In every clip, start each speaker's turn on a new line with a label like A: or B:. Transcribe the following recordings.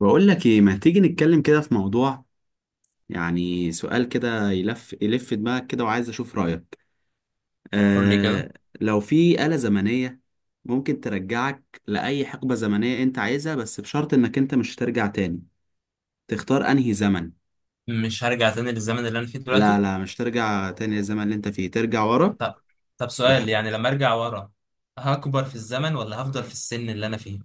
A: بقول لك ايه، ما تيجي نتكلم كده في موضوع. يعني سؤال كده يلف يلف دماغك كده وعايز اشوف رأيك.
B: قول لي كده.
A: آه. لو في آلة زمنية ممكن ترجعك لأي حقبة زمنية انت عايزها، بس بشرط انك انت مش ترجع تاني. تختار انهي زمن.
B: مش هرجع تاني للزمن اللي انا فيه
A: لا
B: دلوقتي.
A: لا، مش ترجع تاني للزمن اللي انت فيه، ترجع ورا.
B: طب طب، سؤال يعني، لما ارجع ورا هكبر في الزمن ولا هفضل في السن اللي انا فيه؟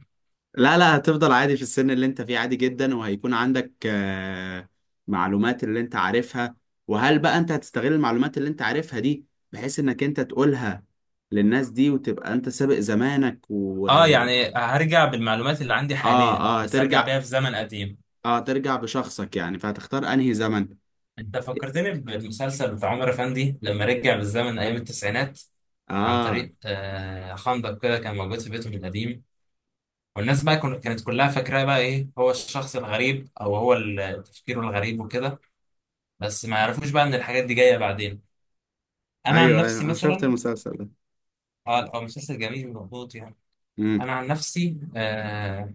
A: لا لا، هتفضل عادي في السن اللي انت فيه، عادي جدا، وهيكون عندك معلومات اللي انت عارفها. وهل بقى انت هتستغل المعلومات اللي انت عارفها دي بحيث انك انت تقولها للناس دي وتبقى انت سابق زمانك و
B: اه،
A: اه.
B: يعني هرجع بالمعلومات اللي عندي حاليا
A: اه
B: بس ارجع
A: ترجع.
B: بيها في زمن قديم.
A: اه ترجع بشخصك يعني، فهتختار انهي زمن.
B: انت فكرتني بالمسلسل بتاع عمر افندي لما رجع بالزمن ايام التسعينات، عن
A: اه.
B: طريق خندق كده كان موجود في بيته القديم. والناس بقى كانت كلها فاكراه بقى ايه هو الشخص الغريب، او هو تفكيره الغريب وكده. بس ما يعرفوش بقى ان الحاجات دي جايه بعدين. انا عن
A: ايوه ايوه،
B: نفسي
A: انا شفت
B: مثلا.
A: المسلسل ده.
B: اه، هو مسلسل جميل ومظبوط يعني. انا
A: امم
B: عن نفسي.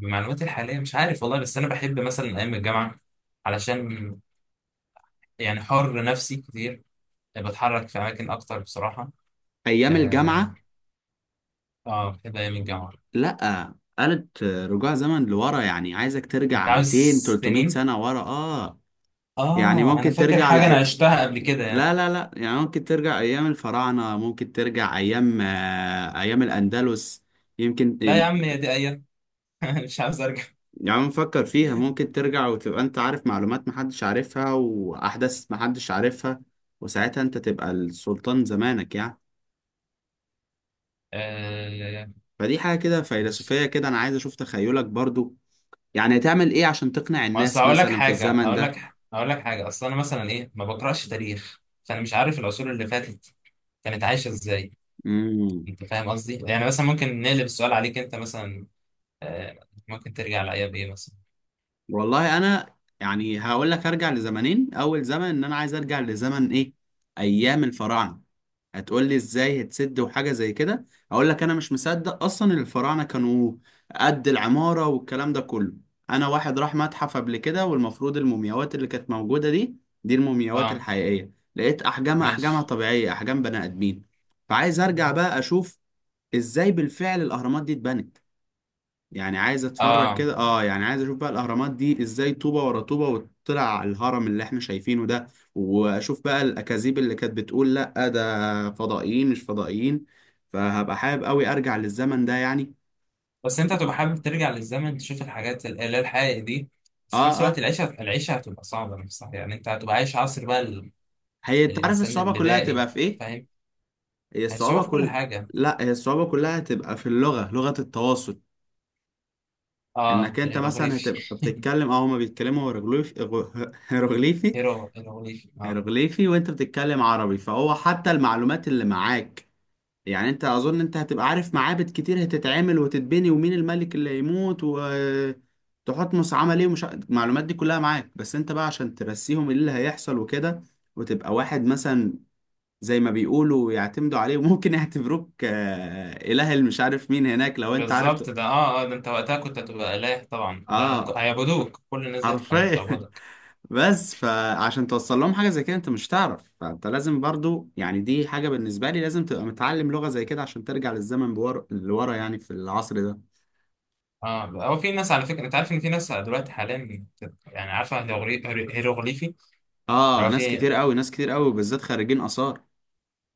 B: بمعلوماتي الحاليه مش عارف والله، بس انا بحب مثلا ايام الجامعه، علشان يعني حر نفسي كتير، بتحرك في اماكن اكتر بصراحه.
A: ايام
B: اه.
A: الجامعه.
B: بحب ايام الجامعه.
A: لا، قالت رجوع زمن لورا، يعني عايزك
B: انت
A: ترجع
B: عاوز
A: 200 300
B: سنين.
A: سنه ورا اه. يعني
B: اه انا
A: ممكن
B: فاكر
A: ترجع
B: حاجه انا
A: لأي...
B: عشتها قبل كده يعني.
A: لا لا لا، يعني ممكن ترجع أيام الفراعنة، ممكن ترجع أيام أيام الأندلس، يمكن.
B: لا يا عم، هي دي ايام. مش عاوز ارجع.
A: يعني نفكر فيها، ممكن ترجع وتبقى أنت عارف معلومات محدش عارفها وأحداث محدش عارفها، وساعتها أنت تبقى السلطان زمانك يعني.
B: آه،
A: فدي حاجة كده
B: ماشي.
A: فيلسوفية كده، أنا عايز أشوف تخيلك برضو. يعني هتعمل إيه عشان تقنع
B: ما اصل
A: الناس
B: هقول لك
A: مثلا في
B: حاجه،
A: الزمن
B: هقول
A: ده؟
B: لك هقول لك حاجه. اصل انا مثلا ايه، ما بقراش تاريخ، فانا مش عارف العصور اللي فاتت كانت عايشه ازاي.
A: مم.
B: انت فاهم قصدي؟ يعني مثلا ممكن نقلب السؤال عليك انت مثلا. آه، ممكن ترجع لايام ايه مثلا؟
A: والله انا يعني هقول لك ارجع لزمنين. اول زمن ان انا عايز ارجع لزمن ايه؟ ايام الفراعنه. هتقول لي ازاي هتسد وحاجه زي كده؟ اقول لك انا مش مصدق اصلا إن الفراعنه كانوا قد العماره والكلام ده كله. انا واحد راح متحف قبل كده، والمفروض المومياوات اللي كانت موجوده دي دي المومياوات
B: اه،
A: الحقيقيه، لقيت احجامها
B: ماشي.
A: طبيعيه، احجام بني ادمين. فعايز ارجع بقى اشوف ازاي بالفعل الاهرامات دي اتبنت. يعني عايز اتفرج
B: اه،
A: كده، اه، يعني عايز اشوف بقى الاهرامات دي ازاي طوبه ورا طوبه وطلع على الهرم اللي احنا شايفينه ده. واشوف بقى الاكاذيب اللي كانت بتقول لا ده فضائيين مش فضائيين. فهبقى حابب قوي ارجع للزمن ده يعني.
B: بس انت هتبقى حابب ترجع للزمن تشوف الحاجات اللي هي الحقيقة دي. بس في
A: اه
B: نفس الوقت
A: اه.
B: العيشة هتبقى صعبة نفسها، يعني انت هتبقى عايش عصر بقى
A: هي انت عارف
B: الانسان
A: الصعوبة كلها
B: البدائي.
A: هتبقى
B: انت
A: في ايه؟
B: فاهم،
A: هي
B: هيصعب
A: الصعوبة
B: في كل
A: كل...
B: حاجة.
A: لا، هي الصعوبة كلها هتبقى في اللغة، لغة التواصل. انك
B: اه،
A: انت مثلا
B: الهيروغليفي.
A: هتبقى بتتكلم هما بيتكلموا هيروغليفي. هيروغليفي
B: هيروغليفي، اه.
A: هيروغليفي وانت بتتكلم عربي. فهو حتى المعلومات اللي معاك، يعني انت، اظن انت هتبقى عارف معابد كتير هتتعمل وتتبني، ومين الملك اللي هيموت، وتحتمس عمل ايه، ومش المعلومات دي كلها معاك، بس انت بقى عشان ترسيهم ايه اللي هيحصل وكده. وتبقى واحد مثلا زي ما بيقولوا يعتمدوا عليه، وممكن يعتبروك اله، اللي مش عارف مين هناك، لو انت
B: بالظبط
A: عرفت.
B: ده. اه ده انت وقتها كنت هتبقى اله طبعا، ده
A: اه.
B: هيعبدوك، كل الناس دي كانت
A: حرفيا
B: هتعبدك.
A: بس فعشان توصل لهم حاجة زي كده انت مش تعرف، فانت لازم برضو، يعني دي حاجة بالنسبة لي، لازم تبقى متعلم لغة زي كده عشان ترجع للزمن لورا يعني في العصر ده.
B: اه، هو في ناس، على فكره، انت عارف ان في ناس دلوقتي حاليا يعني عارفه هيروغليفي،
A: اه،
B: اللي هو
A: ناس
B: في.
A: كتير قوي، ناس كتير قوي، بالذات خريجين آثار.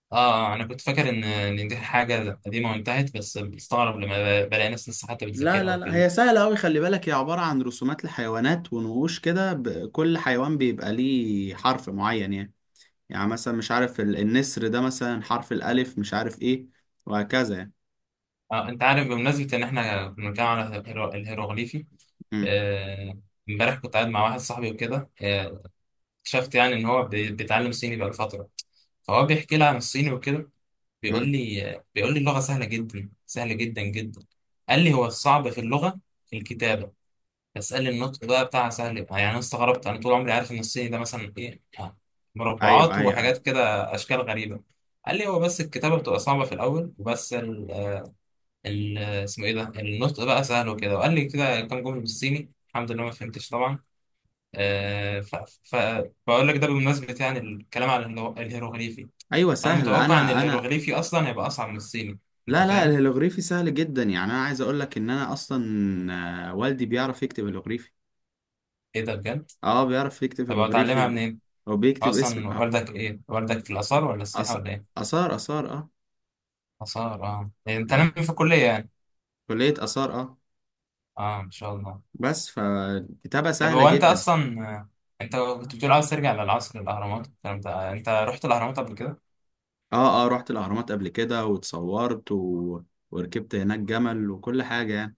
B: اه. انا كنت فاكر ان دي حاجه قديمه وانتهت، بس بستغرب لما بلاقي ناس لسه حتى
A: لا
B: بتذاكرها
A: لا لا،
B: وكده.
A: هي سهلة أوي، خلي بالك، هي عبارة عن رسومات لحيوانات ونقوش كده، كل حيوان بيبقى ليه حرف معين يعني. يعني مثلا مش عارف النسر ده مثلا حرف الألف، مش عارف إيه، وهكذا يعني.
B: اه، انت عارف، بمناسبه ان احنا بنتكلم على الهيروغليفي،
A: مم.
B: آه، امبارح كنت قاعد مع واحد صاحبي وكده، اكتشفت يعني ان هو بيتعلم صيني بقاله فتره. فهو بيحكي لي عن الصيني وكده. بيقول
A: مم.
B: لي بيقول لي اللغه سهله جدا، سهله جدا جدا. قال لي هو الصعب في اللغه الكتابه. اسألني النطق بقى بتاع سهل يبقى. يعني انا استغربت، انا طول عمري عارف ان الصيني ده مثلا ايه،
A: أيوه
B: مربعات
A: أيوه
B: وحاجات
A: أيوه.
B: كده، اشكال غريبة. قال لي هو بس الكتابة بتبقى صعبة في الاول، وبس ال ال اسمه ايه ده، النطق بقى سهل وكده. وقال لي كده كام جملة بالصيني، الحمد لله ما فهمتش طبعا. آه ف ف بقول لك ده بمناسبة يعني الكلام عن الهيروغليفي.
A: أيوه
B: فانا
A: سهل.
B: متوقع ان
A: أنا
B: الهيروغليفي اصلا هيبقى اصعب من الصيني. انت
A: لا لا،
B: فاهم؟
A: الهيلوغريفي سهل جدا. يعني أنا عايز أقول لك إن أنا أصلا والدي بيعرف يكتب هيلوغريفي.
B: ايه ده، بجد؟
A: أه بيعرف يكتب
B: طب اتعلمها
A: هيلوغريفي
B: منين؟
A: وبيكتب اسم
B: اصلا والدك ايه، والدك في الاثار ولا السياحة
A: أث-
B: ولا ايه؟
A: آثار، آثار أه.
B: آثار، اه. يعني انت ناوي
A: يعني
B: في الكلية يعني.
A: كلية آثار اه.
B: اه، ان شاء الله.
A: بس فالكتابة
B: طب
A: سهلة
B: هو انت
A: جدا.
B: اصلا، انت كنت بتقول عاوز ترجع للعصر الاهرامات الكلام ده. انت رحت الاهرامات قبل كده؟
A: اه اه، رحت الأهرامات قبل كده واتصورت و... وركبت هناك جمل وكل حاجة يعني،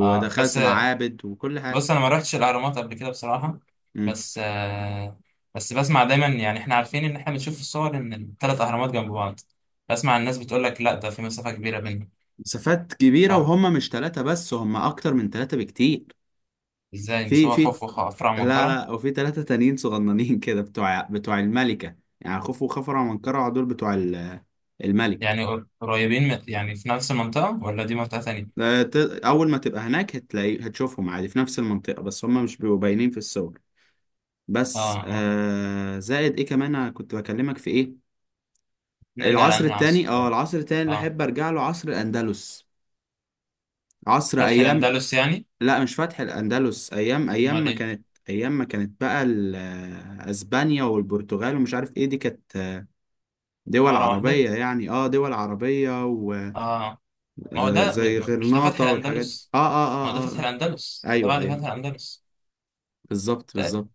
B: اه. بس
A: معابد وكل حاجة.
B: بص انا ما رحتش الاهرامات قبل كده بصراحة.
A: مم.
B: بس بسمع دايما، يعني احنا عارفين ان احنا بنشوف في الصور ان الثلاث اهرامات جنب بعض، بسمع الناس بتقول لك لا، ده في مسافة كبيرة بينهم.
A: مسافات كبيرة، وهم مش ثلاثة بس، هم أكتر من ثلاثة بكتير.
B: فازاي؟ مش
A: في
B: هو
A: في.
B: خوف وخفرع
A: لا
B: ومنقرع؟
A: لا، وفي ثلاثة تانيين صغننين كده، بتوع الملكة، يعني خوفو وخفرع ومنكرع دول بتوع الملك.
B: يعني قريبين يعني في نفس المنطقة ولا دي منطقة تانية؟
A: ده ت- أول ما تبقى هناك هتلاقي، هتشوفهم عادي في نفس المنطقة، بس هم مش بيبقوا باينين في الصور. بس
B: اه، اه.
A: زائد ايه كمان، انا كنت بكلمك في ايه؟
B: نرجع
A: العصر
B: لأنهي
A: التاني،
B: عصر
A: اه
B: طيب؟
A: العصر التاني اللي
B: اه،
A: احب ارجع له عصر الاندلس. عصر
B: فتح
A: ايام،
B: الأندلس يعني؟
A: لا مش فتح الاندلس، ايام
B: أمال
A: ما
B: إيه؟
A: كانت، ايام ما كانت بقى اسبانيا والبرتغال ومش عارف ايه دي كانت دول
B: مرة واحدة.
A: عربية، يعني اه، دول عربية،
B: آه. ما هو ده
A: وزي
B: مش ده فتح
A: غرناطة والحاجات دي.
B: الأندلس،
A: اه اه
B: ما هو ده
A: اه اه
B: فتح
A: آه.
B: الأندلس، ده
A: ايوه
B: بعد فتح
A: ايوه،
B: الأندلس.
A: بالظبط
B: ده-
A: بالظبط.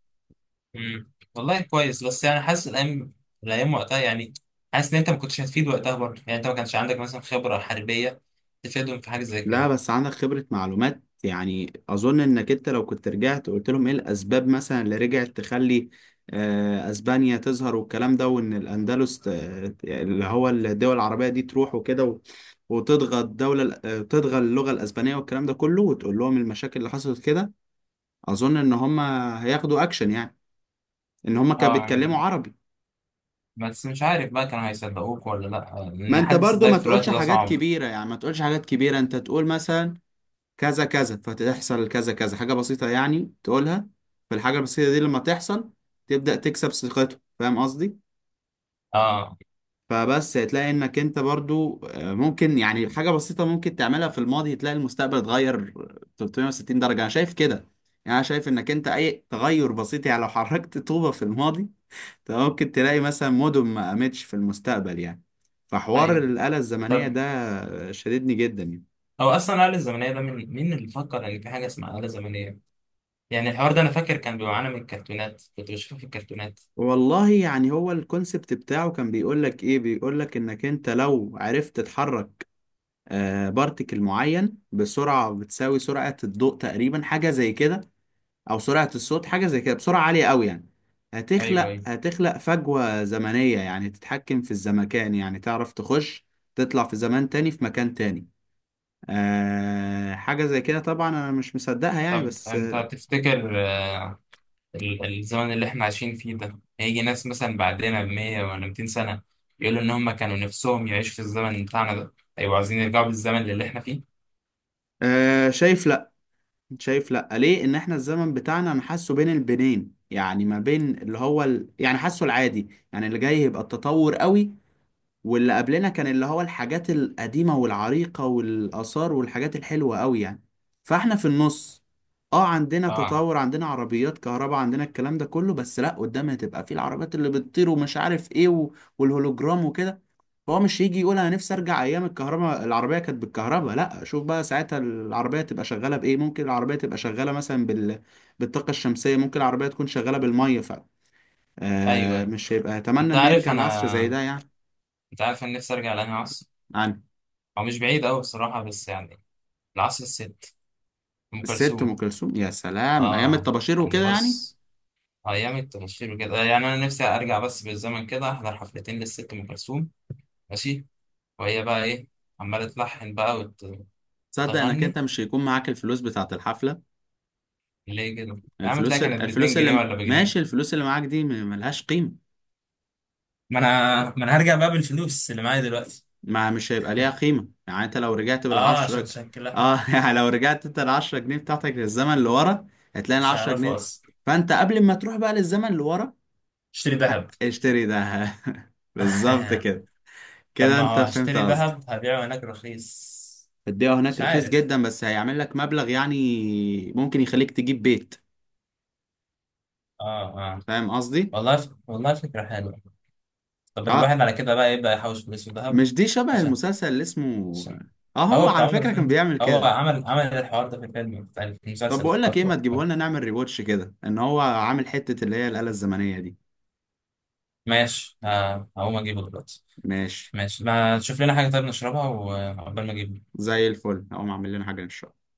B: مم. والله كويس، بس يعني حاسس الأيام، وقتها يعني، حاسس إن أنت ما كنتش هتفيد وقتها برضه، يعني أنت ما كانش عندك مثلا خبرة حربية تفيدهم في حاجة زي
A: لا
B: كده.
A: بس عندك خبرة معلومات، يعني أظن إنك أنت لو كنت رجعت قلت لهم إيه الأسباب مثلا اللي رجعت تخلي أسبانيا تظهر والكلام ده، وإن الأندلس اللي هو الدول العربية دي تروح وكده و... وتضغى الدولة تضغى اللغة الأسبانية والكلام ده كله، وتقول لهم المشاكل اللي حصلت كده. أظن إن هم هياخدوا أكشن يعني، إن هم كانوا
B: آه،
A: بيتكلموا
B: يعني
A: عربي.
B: بس مش عارف بقى كانوا هيصدقوك ولا لأ،
A: ما
B: لأن
A: أنت
B: حد
A: برضو ما
B: يصدقك في
A: تقولش
B: الوقت ده
A: حاجات
B: صعب.
A: كبيرة، يعني ما تقولش حاجات كبيرة، أنت تقول مثلا كذا كذا فتحصل كذا كذا، حاجة بسيطة يعني تقولها. فالحاجة البسيطة دي لما تحصل تبدأ تكسب ثقته، فاهم قصدي؟
B: آه.
A: فبس هتلاقي انك انت برضو ممكن يعني حاجة بسيطة ممكن تعملها في الماضي، تلاقي المستقبل اتغير 360 درجة، انا شايف كده. يعني انا شايف انك انت اي تغير بسيط، يعني لو حركت طوبة في الماضي، انت ممكن تلاقي مثلا مدن ما قامتش في المستقبل يعني. فحوار
B: أيوه.
A: الآلة الزمنية
B: طب
A: ده شددني جدا يعني.
B: هو أصلا الآلة الزمنية ده، من مين اللي فكر إن في حاجة اسمها آلة زمنية؟ يعني الحوار ده انا فاكر كان بيبقى معانا من الكرتونات، كنت بشوفه في الكرتونات.
A: والله يعني هو الكونسبت بتاعه كان بيقول لك ايه، بيقول لك انك انت لو عرفت تتحرك بارتيكل معين بسرعة بتساوي سرعة الضوء تقريبا، حاجة زي كده، او سرعة الصوت، حاجة زي كده، بسرعة عالية قوي يعني،
B: ايوه، ايوه.
A: هتخلق فجوة زمنية، يعني تتحكم في الزمكان، يعني تعرف تخش تطلع في زمان تاني في مكان تاني. آه حاجة زي كده، طبعا انا مش مصدقها يعني،
B: طب
A: بس
B: انت تفتكر، الزمن اللي احنا عايشين فيه ده هيجي ناس مثلا بعدنا ب 100 ولا 200 سنة يقولوا ان هم كانوا نفسهم يعيشوا في الزمن بتاعنا ده، ايوه عايزين يرجعوا بالزمن اللي احنا فيه؟
A: آه شايف. لا ليه ان احنا الزمن بتاعنا، انا حاسه بين البنين، يعني ما بين اللي هو ال... يعني حاسه العادي، يعني اللي جاي يبقى التطور قوي، واللي قبلنا كان اللي هو الحاجات القديمة والعريقة والآثار والحاجات الحلوة قوي يعني. فاحنا في النص. اه عندنا
B: اه،
A: تطور، عندنا عربيات كهرباء، عندنا الكلام ده كله، بس لا قدام هتبقى في العربيات اللي بتطير ومش عارف ايه و... والهولوجرام وكده. فهو مش يجي يقول انا نفسي ارجع ايام الكهرباء، العربية كانت بالكهرباء، لا شوف بقى ساعتها العربية تبقى شغالة بايه، ممكن العربية تبقى شغالة مثلا بال... بالطاقة الشمسية، ممكن العربية تكون شغالة بالمية، ف
B: ايوه
A: آه
B: ايوه.
A: مش هيبقى اتمنى
B: انت
A: ان
B: عارف
A: يرجع العصر زي
B: انا
A: ده يعني.
B: انت عارف انا نفسي ارجع لانهي عصر. هو مش بعيد قوي بصراحة، بس يعني، العصر الست ام
A: الست ام
B: كلثوم.
A: كلثوم، يا سلام، ايام
B: اه،
A: الطباشير
B: يعني
A: وكده يعني.
B: بص، أيام التنشير وكده يعني، أنا نفسي أرجع بس بالزمن كده أحضر حفلتين للست أم كلثوم. ماشي. وهي بقى إيه، عمالة تلحن بقى
A: تصدق انك انت
B: وتغني.
A: مش هيكون معاك الفلوس بتاعت الحفله؟
B: ليه كده يا عم؟ تلاقي
A: الفلوس،
B: كانت باتنين
A: الفلوس
B: جنيه
A: اللي
B: ولا بجنيه؟
A: ماشي، الفلوس اللي معاك دي ملهاش قيمه.
B: ما أنا هرجع بقى بالفلوس اللي معايا دلوقتي.
A: ما مش هيبقى ليها قيمه يعني، انت لو رجعت
B: عشان
A: بالعشرة،
B: شكلها
A: اه يعني لو رجعت انت العشرة جنيه بتاعتك للزمن اللي ورا، هتلاقي
B: مش
A: العشرة
B: هيعرفوا
A: جنيه.
B: أصلا.
A: فانت قبل ما تروح بقى للزمن اللي ورا،
B: اشتري ذهب.
A: اشتري ده بالظبط كده.
B: طب
A: كده
B: ما
A: انت
B: هو
A: فهمت
B: هشتري
A: قصدي.
B: ذهب هبيعه هناك رخيص.
A: الدقيقة هناك
B: مش
A: رخيص
B: عارف.
A: جدا، بس هيعمل لك مبلغ يعني ممكن يخليك تجيب بيت.
B: اه، اه.
A: فاهم قصدي؟
B: والله والله فكرة حلوة. طب
A: اه،
B: الواحد على كده بقى يبدأ يحوش فلوس في ذهب.
A: مش دي شبه المسلسل اللي اسمه؟
B: الصين.
A: اه هو
B: هو بتاع
A: على
B: عمر
A: فكرة كان
B: فندي،
A: بيعمل
B: هو
A: كده.
B: عمل الحوار ده في الفيلم بتاع في
A: طب
B: المسلسل،
A: بقول لك ايه،
B: افتكرته
A: ما تجيبه
B: والله.
A: لنا نعمل ريواتش كده ان هو عامل حتة اللي هي الآلة الزمنية دي.
B: ماشي، هقوم اجيبه دلوقتي.
A: ماشي.
B: ماشي، ما تشوف لنا حاجة طيب نشربها وعقبال ما اجيبه.
A: زي الفل، هقوم اعمل لنا حاجة ان شاء الله.